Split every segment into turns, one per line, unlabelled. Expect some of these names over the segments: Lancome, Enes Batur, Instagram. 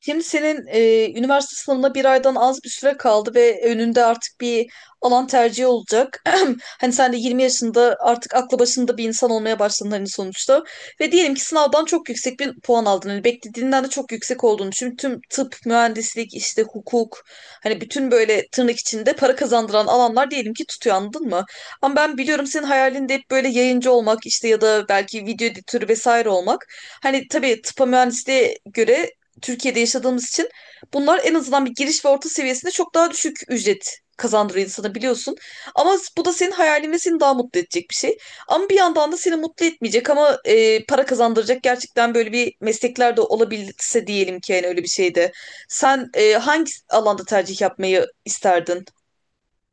Şimdi senin üniversite sınavına bir aydan az bir süre kaldı ve önünde artık bir alan tercihi olacak. Hani sen de 20 yaşında artık aklı başında bir insan olmaya başladın, hani sonuçta. Ve diyelim ki sınavdan çok yüksek bir puan aldın. Hani beklediğinden de çok yüksek olduğunu düşün. Tüm tıp, mühendislik, işte hukuk, hani bütün böyle tırnak içinde para kazandıran alanlar diyelim ki tutuyor, anladın mı? Ama ben biliyorum, senin hayalinde hep böyle yayıncı olmak işte, ya da belki video editörü vesaire olmak. Hani tabii tıpa mühendisliğe göre Türkiye'de yaşadığımız için bunlar en azından bir giriş ve orta seviyesinde çok daha düşük ücret kazandırıyor insana, biliyorsun. Ama bu da senin hayalin ve seni daha mutlu edecek bir şey. Ama bir yandan da seni mutlu etmeyecek ama para kazandıracak gerçekten böyle bir meslekler de olabilse diyelim ki, yani öyle bir şeyde. Sen hangi alanda tercih yapmayı isterdin?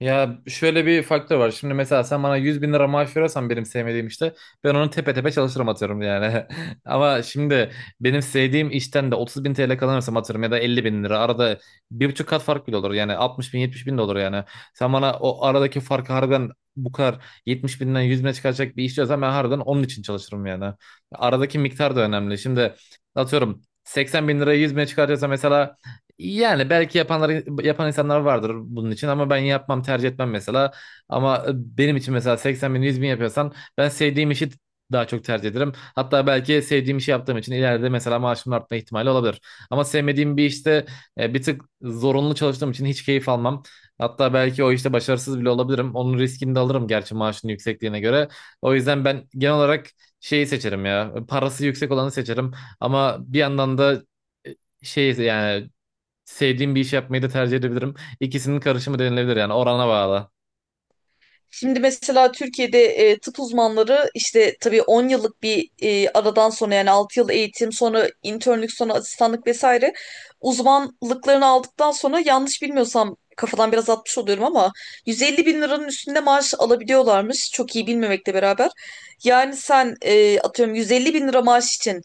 Ya, şöyle bir faktör var. Şimdi mesela sen bana 100 bin lira maaş verirsen benim sevmediğim işte ben onu tepe tepe çalışırım atıyorum yani. Ama şimdi benim sevdiğim işten de 30 bin TL kazanırsam atıyorum ya da 50 bin lira, arada 1,5 kat fark bile olur yani, 60 bin 70 bin de olur yani. Sen bana o aradaki farkı harbiden bu kadar 70 binden 100 bine çıkaracak bir iş diyorsan ben harbiden onun için çalışırım yani. Aradaki miktar da önemli. Şimdi atıyorum 80 bin lirayı 100 bine çıkaracaksa mesela, yani belki yapanlar yapan insanlar vardır bunun için ama ben yapmam, tercih etmem mesela. Ama benim için mesela 80 bin 100 bin yapıyorsan ben sevdiğim işi daha çok tercih ederim. Hatta belki sevdiğim işi yaptığım için ileride mesela maaşımın artma ihtimali olabilir. Ama sevmediğim bir işte bir tık zorunlu çalıştığım için hiç keyif almam. Hatta belki o işte başarısız bile olabilirim. Onun riskini de alırım, gerçi maaşın yüksekliğine göre. O yüzden ben genel olarak şeyi seçerim ya. Parası yüksek olanı seçerim. Ama bir yandan da e, şey yani sevdiğim bir iş yapmayı da tercih edebilirim. İkisinin karışımı denilebilir yani, orana bağlı.
Şimdi mesela Türkiye'de tıp uzmanları işte tabii 10 yıllık bir aradan sonra, yani 6 yıl eğitim sonra internlük sonra asistanlık vesaire uzmanlıklarını aldıktan sonra, yanlış bilmiyorsam, kafadan biraz atmış oluyorum ama 150 bin liranın üstünde maaş alabiliyorlarmış, çok iyi bilmemekle beraber. Yani sen atıyorum 150 bin lira maaş için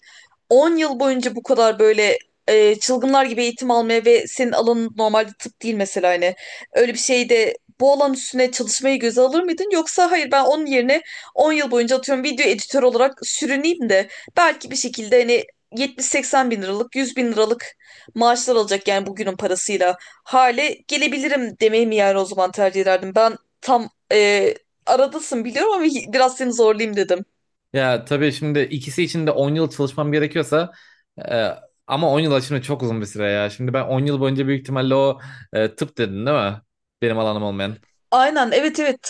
10 yıl boyunca bu kadar böyle çılgınlar gibi eğitim almaya ve senin alanın normalde tıp değil mesela, hani öyle bir şeyde bu alan üstüne çalışmayı göze alır mıydın? Yoksa hayır, ben onun yerine 10 yıl boyunca atıyorum video editör olarak sürüneyim de belki bir şekilde hani 70-80 bin liralık, 100 bin liralık maaşlar alacak, yani bugünün parasıyla hale gelebilirim demeyi mi, yani o zaman tercih ederdim. Ben tam aradasın biliyorum ama biraz seni zorlayayım dedim.
Ya tabii şimdi ikisi için de 10 yıl çalışmam gerekiyorsa, e, ama 10 yıl aslında çok uzun bir süre ya. Şimdi ben 10 yıl boyunca büyük ihtimalle o, tıp dedin değil mi? Benim alanım olmayan.
Aynen, evet, evet.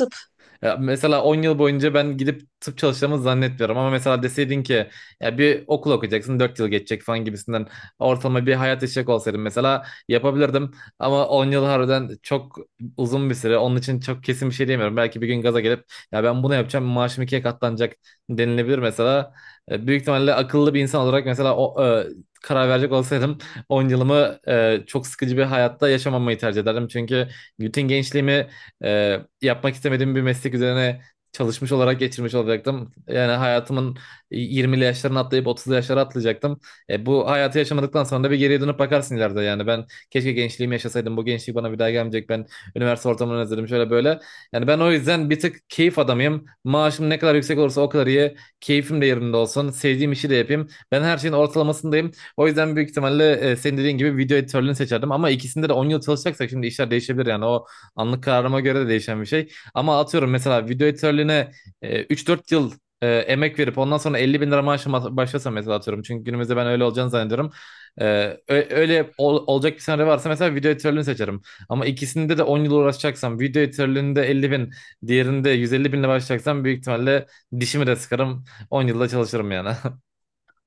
Ya mesela 10 yıl boyunca ben gidip tıp çalışacağımı zannetmiyorum, ama mesela deseydin ki ya bir okul okuyacaksın, 4 yıl geçecek falan gibisinden, ortalama bir hayat yaşayacak olsaydım mesela yapabilirdim. Ama 10 yıl harbiden çok uzun bir süre, onun için çok kesin bir şey diyemiyorum. Belki bir gün gaza gelip, ya ben bunu yapacağım, maaşım 2'ye katlanacak denilebilir mesela. Büyük ihtimalle akıllı bir insan olarak mesela o, karar verecek olsaydım 10 yılımı çok sıkıcı bir hayatta yaşamamayı tercih ederdim. Çünkü bütün gençliğimi yapmak istemediğim bir meslek üzerine çalışmış olarak geçirmiş olacaktım. Yani hayatımın 20'li yaşlarını atlayıp 30'lu yaşlara atlayacaktım. Bu hayatı yaşamadıktan sonra da bir geriye dönüp bakarsın ileride yani. Ben keşke gençliğimi yaşasaydım. Bu gençlik bana bir daha gelmeyecek. Ben üniversite ortamını özledim, şöyle böyle. Yani ben o yüzden bir tık keyif adamıyım. Maaşım ne kadar yüksek olursa o kadar iyi. Keyfim de yerinde olsun. Sevdiğim işi de yapayım. Ben her şeyin ortalamasındayım. O yüzden büyük ihtimalle senin dediğin gibi video editörlüğünü seçerdim. Ama ikisinde de 10 yıl çalışacaksak şimdi işler değişebilir yani. O anlık kararıma göre de değişen bir şey. Ama atıyorum mesela video editörlüğüne 3-4 yıl emek verip ondan sonra 50 bin lira maaşla başlasam mesela, atıyorum. Çünkü günümüzde ben öyle olacağını zannediyorum. E, öyle olacak bir senaryo varsa mesela video editörlüğünü seçerim. Ama ikisinde de 10 yıl uğraşacaksam, video editörlüğünde 50 bin, diğerinde 150 binle başlayacaksam, büyük ihtimalle dişimi de sıkarım, 10 yılda çalışırım yani.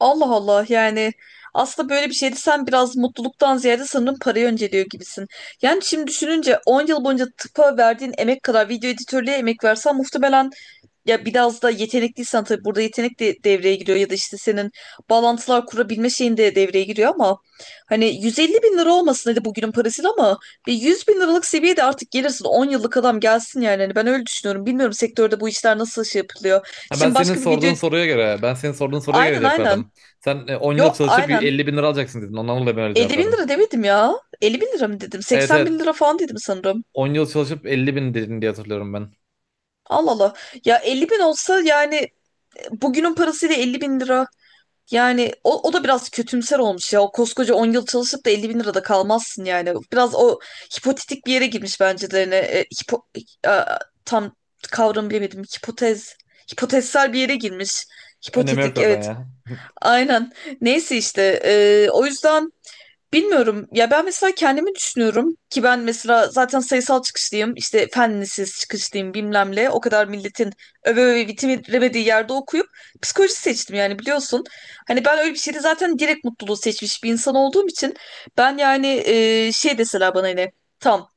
Allah Allah, yani aslında böyle bir şeydi, sen biraz mutluluktan ziyade sanırım parayı önceliyor gibisin. Yani şimdi düşününce 10 yıl boyunca tıpa verdiğin emek kadar video editörlüğe emek versen, muhtemelen, ya biraz da yetenekliysen tabii, burada yetenek de devreye giriyor, ya da işte senin bağlantılar kurabilme şeyin de devreye giriyor, ama hani 150 bin lira olmasın hadi bugünün parasıyla ama bir 100 bin liralık seviyede artık gelirsin, 10 yıllık adam gelsin yani. Hani ben öyle düşünüyorum, bilmiyorum sektörde bu işler nasıl şey yapılıyor.
Ha,
Şimdi başka bir video.
ben senin sorduğun soruya göre
Aynen,
cevap
aynen.
verdim. Sen 10 yıl
Yo
çalışıp
aynen,
50 bin lira alacaksın dedin. Ondan dolayı ben öyle cevap
50 bin
verdim.
lira demedim ya. 50 bin lira mı dedim?
Evet,
80 bin
evet.
lira falan dedim sanırım.
10 yıl çalışıp 50 bin dedin diye hatırlıyorum ben.
Allah Allah. Ya 50 bin olsa yani, bugünün parasıyla 50 bin lira. Yani o, o da biraz kötümser olmuş ya. O koskoca 10 yıl çalışıp da 50 bin lirada kalmazsın yani. Biraz o hipotetik bir yere girmiş bence de. Yani, e, tam kavram bilemedim. Hipotezsel bir yere girmiş.
Önemi yok
Hipotetik,
zaten
evet.
ya.
Aynen. Neyse işte o yüzden bilmiyorum ya, ben mesela kendimi düşünüyorum ki, ben mesela zaten sayısal çıkışlıyım işte, fen lisesi çıkışlıyım, bilmem o kadar milletin öve öve bitiremediği yerde okuyup psikoloji seçtim yani, biliyorsun. Hani ben öyle bir şeyde zaten direkt mutluluğu seçmiş bir insan olduğum için ben, yani şey deseler bana hani tam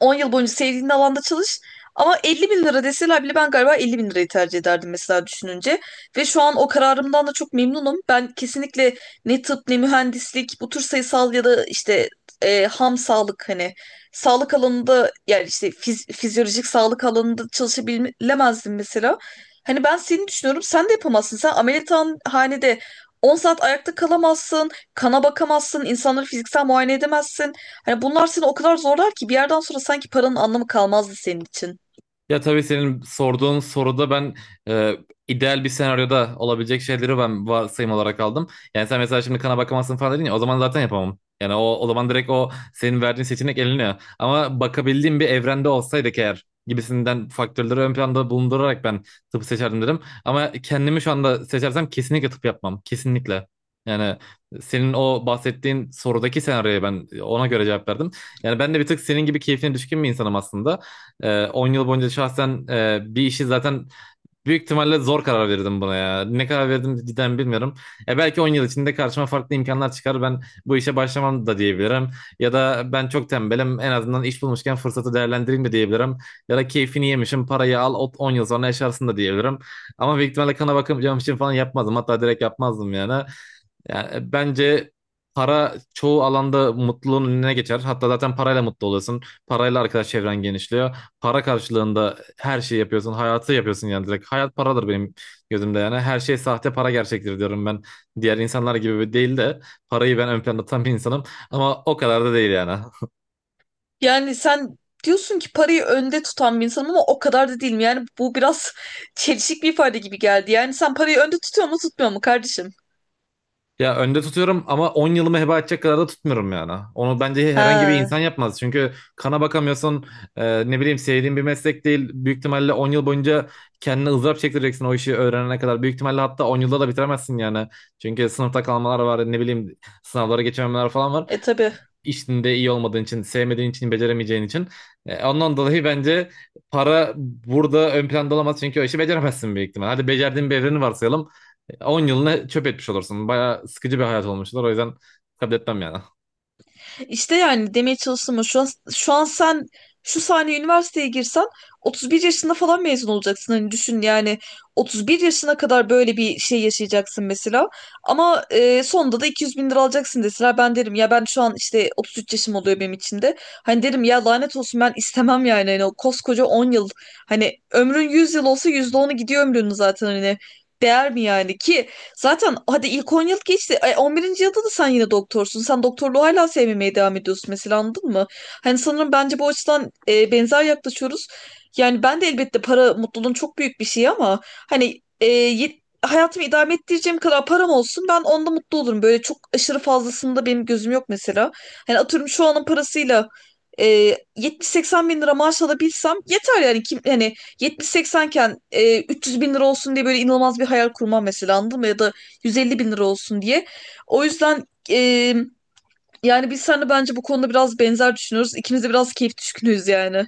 10 yıl boyunca sevdiğin alanda çalış. Ama 50 bin lira deseler bile ben galiba 50 bin lirayı tercih ederdim mesela, düşününce. Ve şu an o kararımdan da çok memnunum. Ben kesinlikle ne tıp ne mühendislik, bu tür sayısal ya da işte ham sağlık, hani sağlık alanında, yani işte fizyolojik sağlık alanında çalışabilemezdim mesela. Hani ben seni düşünüyorum, sen de yapamazsın. Sen ameliyathanede 10 saat ayakta kalamazsın, kana bakamazsın, insanları fiziksel muayene edemezsin. Hani bunlar seni o kadar zorlar ki bir yerden sonra sanki paranın anlamı kalmazdı senin için.
Ya tabii senin sorduğun soruda ben, e, ideal bir senaryoda olabilecek şeyleri ben varsayım olarak aldım. Yani sen mesela şimdi kana bakamazsın falan dedin ya, o zaman zaten yapamam. Yani o zaman direkt o senin verdiğin seçenek eleniyor. Ama bakabildiğim bir evrende olsaydık eğer gibisinden faktörleri ön planda bulundurarak ben tıp seçerdim dedim. Ama kendimi şu anda seçersem kesinlikle tıp yapmam. Kesinlikle. Yani senin o bahsettiğin sorudaki senaryoya ben ona göre cevap verdim. Yani ben de bir tık senin gibi keyfine düşkün bir insanım aslında. 10 yıl boyunca şahsen bir işi zaten büyük ihtimalle zor karar verirdim buna ya. Ne karar verdim cidden bilmiyorum. Belki 10 yıl içinde karşıma farklı imkanlar çıkar. Ben bu işe başlamam da diyebilirim. Ya da ben çok tembelim, en azından iş bulmuşken fırsatı değerlendireyim de diyebilirim. Ya da keyfini yemişim, parayı al, 10 yıl sonra yaşarsın da diyebilirim. Ama büyük ihtimalle kana bakacağım için falan yapmazdım. Hatta direkt yapmazdım yani. Yani bence para çoğu alanda mutluluğun önüne geçer. Hatta zaten parayla mutlu oluyorsun. Parayla arkadaş çevren genişliyor, para karşılığında her şeyi yapıyorsun. Hayatı yapıyorsun yani, direkt. Hayat paradır benim gözümde yani. Her şey sahte, para gerçektir diyorum ben. Diğer insanlar gibi değil de, parayı ben ön planda tutan bir insanım. Ama o kadar da değil yani.
Yani sen diyorsun ki parayı önde tutan bir insanım ama o kadar da değilim. Yani bu biraz çelişik bir ifade gibi geldi. Yani sen parayı önde tutuyor mu tutmuyor mu kardeşim?
Ya, önde tutuyorum ama 10 yılımı heba edecek kadar da tutmuyorum yani. Onu bence herhangi bir
Ha,
insan yapmaz. Çünkü kana bakamıyorsun. Ne bileyim, sevdiğin bir meslek değil. Büyük ihtimalle 10 yıl boyunca kendine ızdırap çektireceksin o işi öğrenene kadar. Büyük ihtimalle hatta 10 yılda da bitiremezsin yani. Çünkü sınıfta kalmalar var. Ne bileyim, sınavlara geçememeler falan var.
tabii.
İşinde iyi olmadığın için, sevmediğin için, beceremeyeceğin için. Ondan dolayı bence para burada ön planda olamaz, çünkü o işi beceremezsin büyük ihtimal. Hadi becerdiğin bir evreni varsayalım. 10 yılını çöp etmiş olursun. Bayağı sıkıcı bir hayat olmuşlar. O yüzden kabul etmem yani.
İşte yani demeye çalıştım o. Şu an, sen şu saniye üniversiteye girsen 31 yaşında falan mezun olacaksın. Hani düşün yani, 31 yaşına kadar böyle bir şey yaşayacaksın mesela. Ama sonunda da 200 bin lira alacaksın deseler, ben derim ya, ben şu an işte 33 yaşım oluyor benim için de. Hani derim ya lanet olsun, ben istemem yani. Hani o koskoca 10 yıl, hani ömrün 100 yıl olsa %10'u gidiyor ömrünün zaten, hani değer mi yani ki? Zaten hadi ilk 10 yıl geçti. 11. yılda da sen yine doktorsun. Sen doktorluğu hala sevmemeye devam ediyorsun mesela, anladın mı? Hani sanırım bence bu açıdan benzer yaklaşıyoruz. Yani ben de elbette, para mutluluğun çok büyük bir şeyi ama hani hayatımı idame ettireceğim kadar param olsun, ben onda mutlu olurum. Böyle çok aşırı fazlasında benim gözüm yok mesela. Hani atıyorum şu anın parasıyla e, 70-80 bin lira maaş alabilsem yeter yani, kim hani yetmiş 80 iken 300 bin lira olsun diye böyle inanılmaz bir hayal kurmam mesela, anladın mı? Ya da 150 bin lira olsun diye. O yüzden yani biz seninle bence bu konuda biraz benzer düşünüyoruz. İkimiz de biraz keyif düşkünüyüz yani.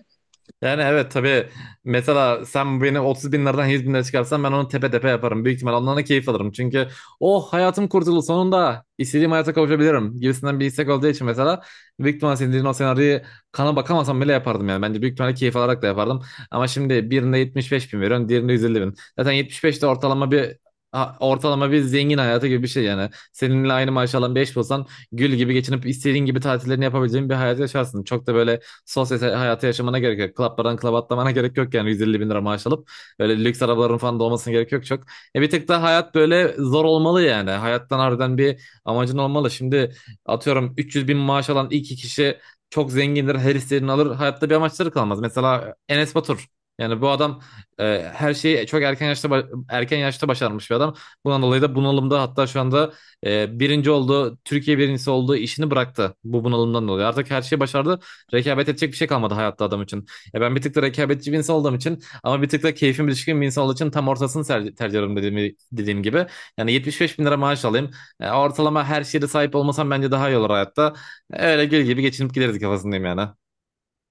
Yani evet, tabii mesela sen beni 30 bin liradan 100 bin lira çıkarsan ben onu tepe tepe yaparım. Büyük ihtimal ondan da keyif alırım. Çünkü oh, hayatım kurtuldu, sonunda istediğim hayata kavuşabilirim gibisinden bir istek olduğu için mesela, büyük ihtimal senin dediğin o senaryoyu kana bakamasam bile yapardım yani. Bence büyük ihtimalle keyif alarak da yapardım. Ama şimdi birinde 75 bin veriyorum, diğerinde 150 bin. Zaten 75 de ortalama bir, ortalama bir zengin hayatı gibi bir şey yani. Seninle aynı maaş alan bir eş bulsan gül gibi geçinip istediğin gibi tatillerini yapabileceğin bir hayat yaşarsın. Çok da böyle sosyal hayatı yaşamana gerek yok. Klaplardan klaba atlamana gerek yok yani 150 bin lira maaş alıp. Böyle lüks arabaların falan da olmasına gerek yok çok. Bir tık da hayat böyle zor olmalı yani. Hayattan harbiden bir amacın olmalı. Şimdi atıyorum 300 bin maaş alan iki kişi çok zengindir. Her istediğini alır. Hayatta bir amaçları kalmaz. Mesela Enes Batur. Yani bu adam, her şeyi çok erken yaşta başarmış bir adam. Bundan dolayı da bunalımda, hatta şu anda, birinci oldu, Türkiye birincisi oldu, işini bıraktı bu bunalımdan dolayı. Artık her şeyi başardı. Rekabet edecek bir şey kalmadı hayatta adam için. Ya ben bir tık da rekabetçi bir insan olduğum için, ama bir tık da keyfim düşkün bir insan olduğu için tam ortasını tercih ederim dediğim gibi. Yani 75 bin lira maaş alayım. Ortalama her şeye de sahip olmasam bence daha iyi olur hayatta. Öyle gül gibi geçinip gideriz kafasındayım yani.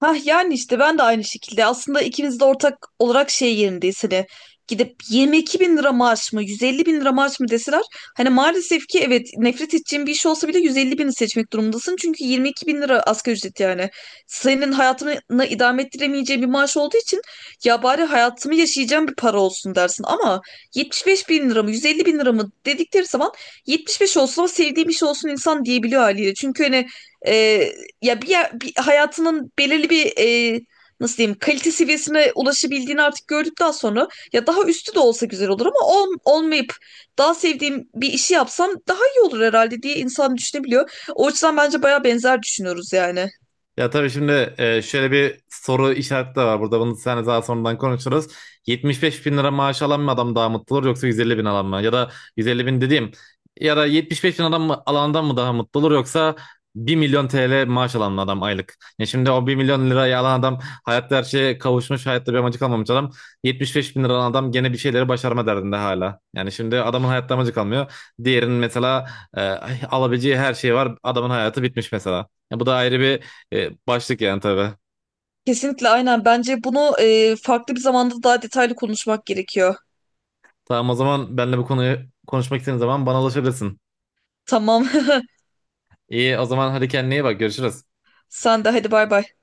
Hah, yani işte ben de aynı şekilde, aslında ikimiz de ortak olarak şey yerindeyiz, hani gidip 22 bin lira maaş mı 150 bin lira maaş mı deseler, hani maalesef ki evet, nefret edeceğin bir iş olsa bile 150 bini seçmek durumundasın çünkü 22 bin lira asgari ücret yani, senin hayatını idame ettiremeyeceğin bir maaş olduğu için ya bari hayatımı yaşayacağım bir para olsun dersin, ama 75 bin lira mı 150 bin lira mı dedikleri zaman 75 olsun ama sevdiğim iş olsun, insan diyebiliyor haliyle, çünkü hani ya bir, bir hayatının belirli bir, e, nasıl diyeyim, kalite seviyesine ulaşabildiğini artık gördükten sonra ya daha üstü de olsa güzel olur ama olmayıp daha sevdiğim bir işi yapsam daha iyi olur herhalde diye insan düşünebiliyor. O açıdan bence baya benzer düşünüyoruz yani.
Ya tabii şimdi, şöyle bir soru işareti de var burada. Bunu sen daha sonradan konuşuruz. 75 bin lira maaş alan mı adam daha mutlu olur, yoksa 150 bin alan mı? Ya da 150 bin dediğim, ya da 75 bin adam mı, alandan mı daha mutlu olur, yoksa 1 milyon TL maaş alan mı adam, aylık? Ya şimdi o 1 milyon lirayı alan adam hayatta her şeye kavuşmuş, hayatta bir amacı kalmamış adam. 75 bin lira alan adam gene bir şeyleri başarma derdinde hala. Yani şimdi adamın hayatta amacı kalmıyor. Diğerinin mesela, e, alabileceği her şey var. Adamın hayatı bitmiş mesela. Ya bu da ayrı bir, başlık yani tabii.
Kesinlikle, aynen. Bence bunu farklı bir zamanda daha detaylı konuşmak gerekiyor.
Tamam, o zaman benle bu konuyu konuşmak istediğin zaman bana ulaşabilirsin.
Tamam.
İyi, o zaman hadi kendine iyi bak, görüşürüz.
Sen de, hadi, bay bay.